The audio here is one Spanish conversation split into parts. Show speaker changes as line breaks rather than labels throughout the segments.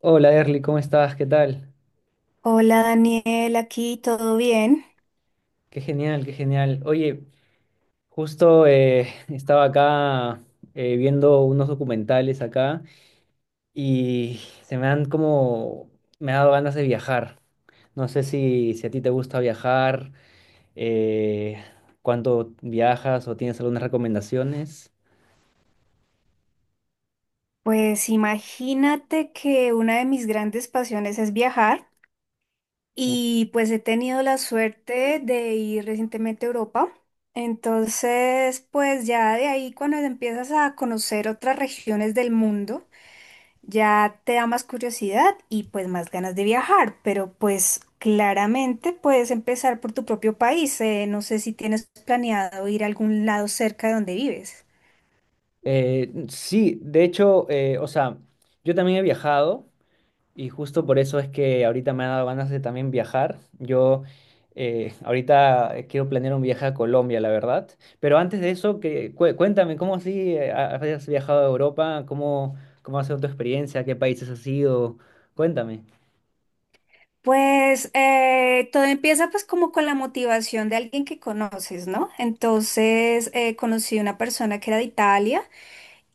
Hola Erly, ¿cómo estás? ¿Qué tal?
Hola Daniel, aquí todo bien.
Qué genial, qué genial. Oye, justo estaba acá viendo unos documentales acá y se me han como, me ha dado ganas de viajar. No sé si a ti te gusta viajar, eh, cuánto viajas o tienes algunas recomendaciones.
Pues imagínate que una de mis grandes pasiones es viajar y pues he tenido la suerte de ir recientemente a Europa. Entonces, pues ya de ahí cuando empiezas a conocer otras regiones del mundo, ya te da más curiosidad y pues más ganas de viajar, pero pues claramente puedes empezar por tu propio país. No sé si tienes planeado ir a algún lado cerca de donde vives.
Sí, de hecho, o sea, yo también he viajado. Y justo por eso es que ahorita me ha dado ganas de también viajar. Yo Ahorita quiero planear un viaje a Colombia, la verdad. Pero antes de eso, cuéntame, ¿cómo así has viajado a Europa? ¿Cómo ha sido tu experiencia? ¿Qué países has ido? Cuéntame.
Pues todo empieza pues como con la motivación de alguien que conoces, ¿no? Entonces conocí una persona que era de Italia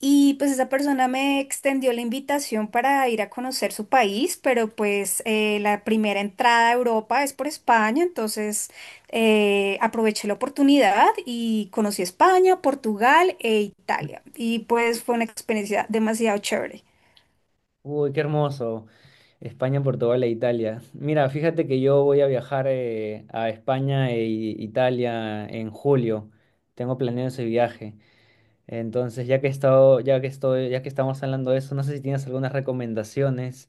y pues esa persona me extendió la invitación para ir a conocer su país, pero pues la primera entrada a Europa es por España, entonces aproveché la oportunidad y conocí España, Portugal e Italia y pues fue una experiencia demasiado chévere.
Uy, qué hermoso. España, Portugal e Italia. Mira, fíjate que yo voy a viajar a España e Italia en julio. Tengo planeado ese viaje. Entonces, ya que ya que estamos hablando de eso, no sé si tienes algunas recomendaciones,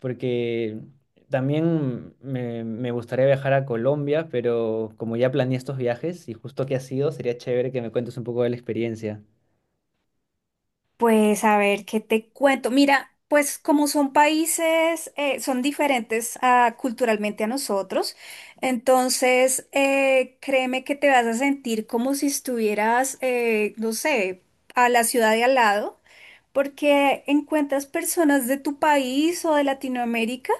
porque también me gustaría viajar a Colombia, pero como ya planeé estos viajes y justo que ha sido, sería chévere que me cuentes un poco de la experiencia.
Pues a ver, ¿qué te cuento? Mira, pues como son países, son diferentes culturalmente a nosotros, entonces créeme que te vas a sentir como si estuvieras, no sé, a la ciudad de al lado, porque encuentras personas de tu país o de Latinoamérica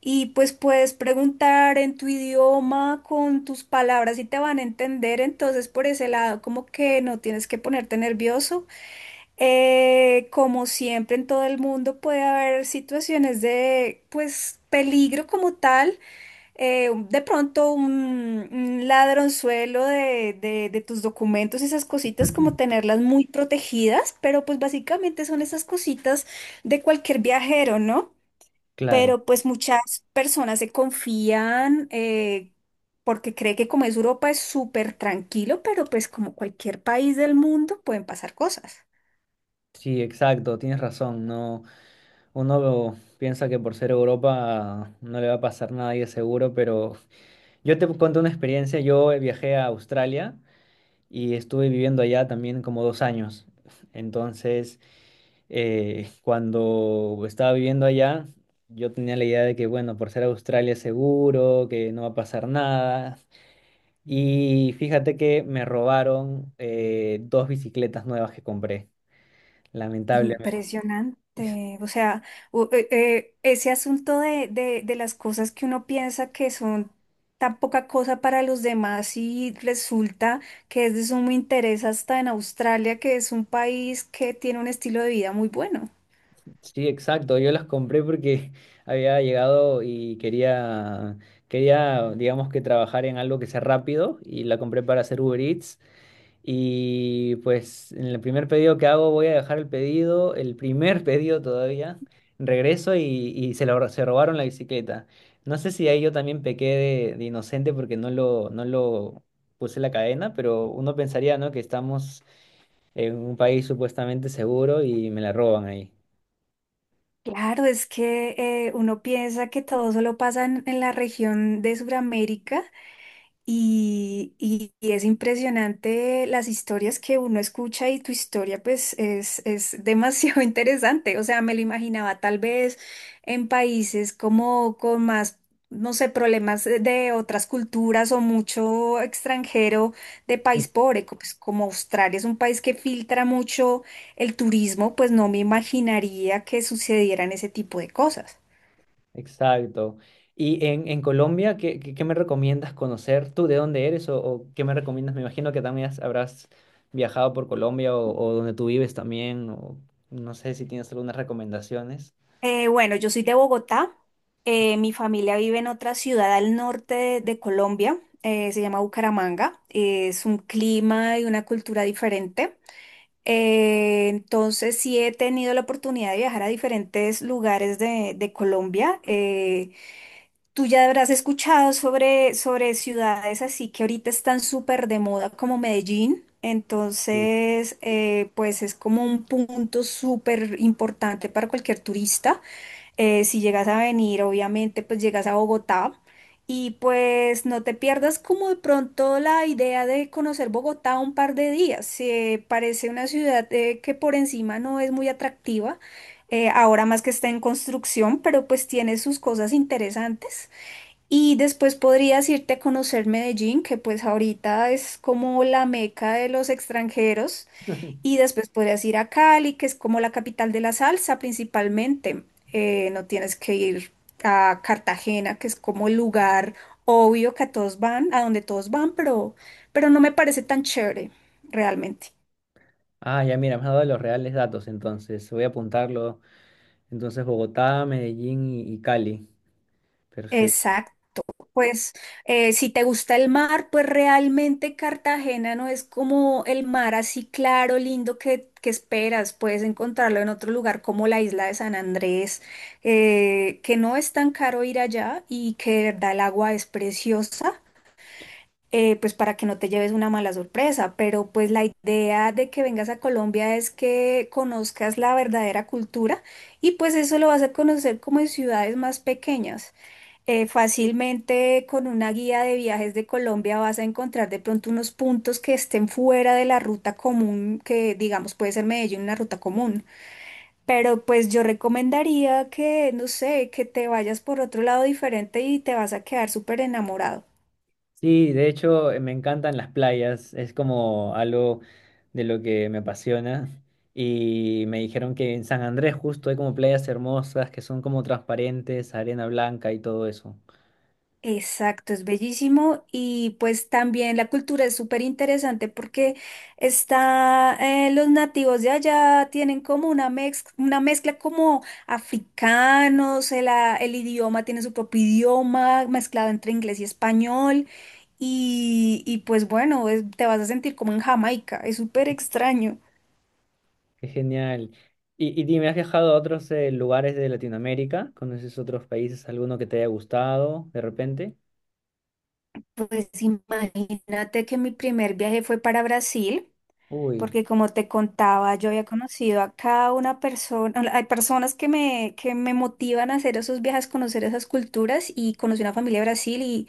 y pues puedes preguntar en tu idioma con tus palabras y te van a entender, entonces por ese lado como que no tienes que ponerte nervioso. Como siempre en todo el mundo puede haber situaciones de pues peligro como tal. De pronto un ladronzuelo de tus documentos, esas cositas como tenerlas muy protegidas, pero pues básicamente son esas cositas de cualquier viajero, ¿no?
Claro,
Pero pues muchas personas se confían porque cree que como es Europa es súper tranquilo, pero pues como cualquier país del mundo pueden pasar cosas.
sí, exacto, tienes razón. No, uno piensa que por ser Europa no le va a pasar nada y es seguro, pero yo te conté una experiencia. Yo viajé a Australia y estuve viviendo allá también como dos años. Entonces, cuando estaba viviendo allá, yo tenía la idea de que, bueno, por ser Australia es seguro, que no va a pasar nada. Y fíjate que me robaron dos bicicletas nuevas que compré, lamentablemente.
Impresionante. O sea, ese asunto de las cosas que uno piensa que son tan poca cosa para los demás y resulta que es de sumo interés hasta en Australia, que es un país que tiene un estilo de vida muy bueno.
Sí, exacto, yo las compré porque había llegado y digamos que trabajar en algo que sea rápido y la compré para hacer Uber Eats. Y pues en el primer pedido que hago voy a dejar el pedido, el primer pedido todavía, regreso y se robaron la bicicleta. No sé si ahí yo también pequé de inocente porque no lo puse la cadena, pero uno pensaría, ¿no?, que estamos en un país supuestamente seguro y me la roban ahí.
Claro, es que uno piensa que todo solo pasa en la región de Sudamérica. Y es impresionante las historias que uno escucha y tu historia pues es demasiado interesante. O sea, me lo imaginaba tal vez en países como con más, no sé, problemas de otras culturas o mucho extranjero de país pobre, pues, como Australia es un país que filtra mucho el turismo, pues no me imaginaría que sucedieran ese tipo de cosas.
Exacto. Y en Colombia, ¿qué me recomiendas conocer? ¿Tú de dónde eres o qué me recomiendas? Me imagino que también habrás viajado por Colombia o donde tú vives también, o no sé si tienes algunas recomendaciones.
Bueno, yo soy de Bogotá. Mi familia vive en otra ciudad al norte de Colombia. Se llama Bucaramanga. Es un clima y una cultura diferente. Entonces sí he tenido la oportunidad de viajar a diferentes lugares de Colombia. Tú ya habrás escuchado sobre ciudades así que ahorita están súper de moda como Medellín.
Sí.
Entonces, pues es como un punto súper importante para cualquier turista. Si llegas a venir, obviamente, pues llegas a Bogotá y pues no te pierdas como de pronto la idea de conocer Bogotá un par de días. Parece una ciudad que por encima no es muy atractiva, ahora más que está en construcción, pero pues tiene sus cosas interesantes. Y después podrías irte a conocer Medellín, que pues ahorita es como la meca de los extranjeros. Y después podrías ir a Cali, que es como la capital de la salsa principalmente. No tienes que ir a Cartagena, que es como el lugar obvio que a todos van, a donde todos van, pero no me parece tan chévere realmente.
Ah, ya mira, me has dado los reales datos, entonces voy a apuntarlo. Entonces, Bogotá, Medellín y Cali.
Pues si te gusta el mar, pues realmente Cartagena no es como el mar así claro, lindo que esperas. Puedes encontrarlo en otro lugar como la isla de San Andrés, que no es tan caro ir allá y que de verdad el agua es preciosa. Pues para que no te lleves una mala sorpresa, pero pues la idea de que vengas a Colombia es que conozcas la verdadera cultura y pues eso lo vas a conocer como en ciudades más pequeñas. Fácilmente con una guía de viajes de Colombia vas a encontrar de pronto unos puntos que estén fuera de la ruta común, que digamos puede ser Medellín una ruta común. Pero pues yo recomendaría que, no sé, que te vayas por otro lado diferente y te vas a quedar súper enamorado.
Sí, de hecho me encantan las playas, es como algo de lo que me apasiona y me dijeron que en San Andrés justo hay como playas hermosas que son como transparentes, arena blanca y todo eso.
Exacto, es bellísimo y pues también la cultura es súper interesante porque está, los nativos de allá tienen como una mezcla como africanos, el idioma tiene su propio idioma mezclado entre inglés y español y pues bueno, te vas a sentir como en Jamaica, es súper extraño.
Qué genial. Y dime, ¿has viajado a otros lugares de Latinoamérica? ¿Conoces otros países? ¿Alguno que te haya gustado de repente?
Pues imagínate que mi primer viaje fue para Brasil,
Uy,
porque como te contaba, yo había conocido a cada una persona, hay personas que me motivan a hacer esos viajes, conocer esas culturas y conocí una familia de Brasil y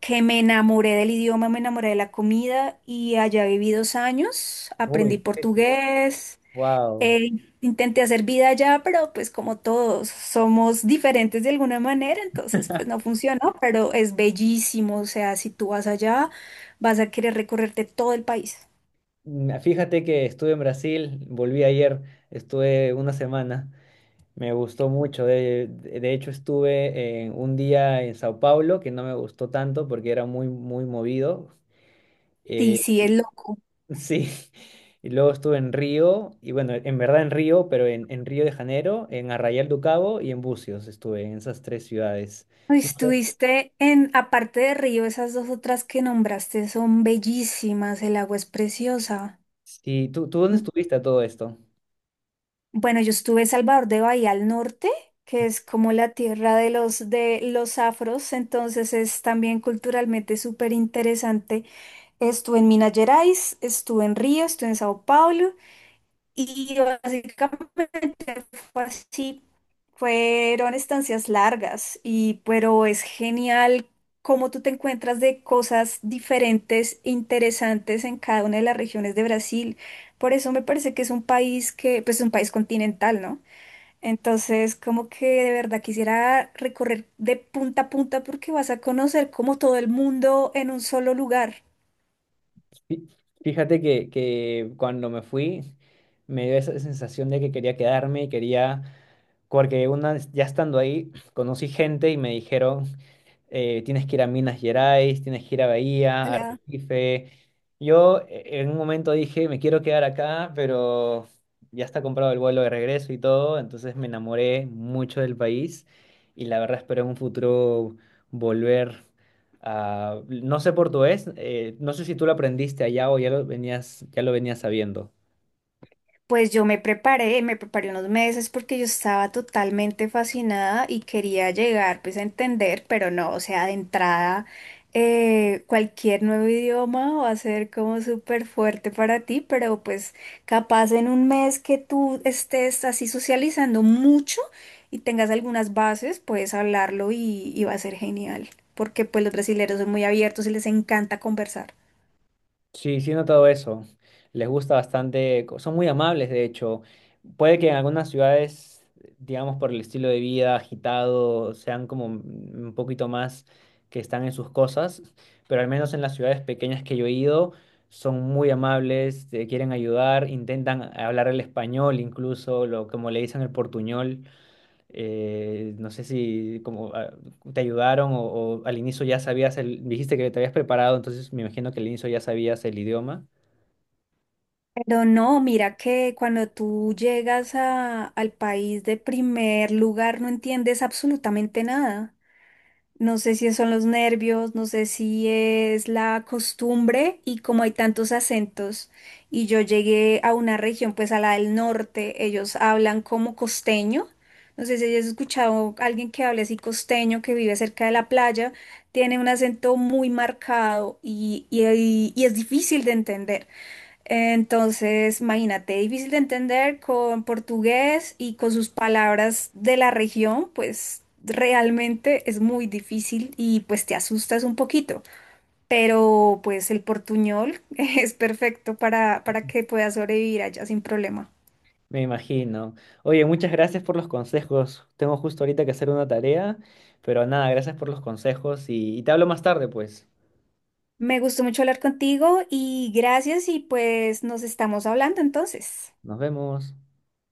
que me enamoré del idioma, me enamoré de la comida y allá viví 2 años,
uy,
aprendí
¿en serio?
portugués,
Wow.
eh, intenté hacer vida allá, pero pues como todos somos diferentes de alguna manera, entonces pues no funcionó, pero es bellísimo, o sea, si tú vas allá, vas a querer recorrerte todo el país.
Fíjate que estuve en Brasil, volví ayer, estuve una semana. Me gustó mucho. De hecho, estuve en un día en Sao Paulo que no me gustó tanto porque era muy, muy movido.
Sí,
Eh,
sí, es loco.
sí. Y luego estuve en Río, y bueno, en verdad en Río, pero en Río de Janeiro, en Arraial do Cabo y en Búzios estuve, en esas tres ciudades. No,
Estuviste en, aparte de Río, esas dos otras que nombraste son bellísimas, el agua es preciosa.
sí, ¿tú dónde
M-
estuviste a todo esto?
Bueno, yo estuve en Salvador de Bahía al norte, que es como la tierra de los afros, entonces es también culturalmente súper interesante. Estuve en Minas Gerais, estuve en Río, estuve en Sao Paulo. Y básicamente fue así, fueron estancias largas y pero es genial cómo tú te encuentras de cosas diferentes, interesantes en cada una de las regiones de Brasil. Por eso me parece que es un país que, pues es un país continental, ¿no? Entonces, como que de verdad quisiera recorrer de punta a punta porque vas a conocer como todo el mundo en un solo lugar.
Fí- Fíjate que cuando me fui me dio esa sensación de que quería quedarme y quería, porque una vez ya estando ahí, conocí gente y me dijeron tienes que ir a Minas Gerais, tienes que ir a Bahía, a
Ojalá.
Recife. Yo en un momento dije, me quiero quedar acá, pero ya está comprado el vuelo de regreso y todo, entonces me enamoré mucho del país y la verdad espero en un futuro volver a... No sé portugués, no sé si tú lo aprendiste allá o ya lo venías sabiendo.
Pues yo me preparé unos meses porque yo estaba totalmente fascinada y quería llegar pues a entender, pero no, o sea, de entrada cualquier nuevo idioma va a ser como súper fuerte para ti, pero pues capaz en un mes que tú estés así socializando mucho y tengas algunas bases, puedes hablarlo y va a ser genial, porque pues los brasileños son muy abiertos y les encanta conversar.
Sí, sí he notado eso. Les gusta bastante, son muy amables, de hecho. Puede que en algunas ciudades, digamos, por el estilo de vida agitado, sean como un poquito más que están en sus cosas, pero al menos en las ciudades pequeñas que yo he ido, son muy amables, te quieren ayudar, intentan hablar el español incluso, como le dicen, el portuñol. No sé si como te ayudaron o al inicio ya sabías el, dijiste que te habías preparado, entonces me imagino que al inicio ya sabías el idioma.
Pero no, mira que cuando tú llegas al país de primer lugar no entiendes absolutamente nada. No sé si son los nervios, no sé si es la costumbre y como hay tantos acentos y yo llegué a una región, pues a la del norte, ellos hablan como costeño. No sé si has escuchado a alguien que hable así costeño, que vive cerca de la playa, tiene un acento muy marcado y, y es difícil de entender. Entonces, imagínate, difícil de entender con portugués y con sus palabras de la región, pues realmente es muy difícil y pues te asustas un poquito. Pero pues el portuñol es perfecto para que puedas sobrevivir allá sin problema.
Me imagino. Oye, muchas gracias por los consejos. Tengo justo ahorita que hacer una tarea, pero nada, gracias por los consejos y te hablo más tarde, pues.
Me gustó mucho hablar contigo y gracias y pues nos estamos hablando entonces.
Nos vemos.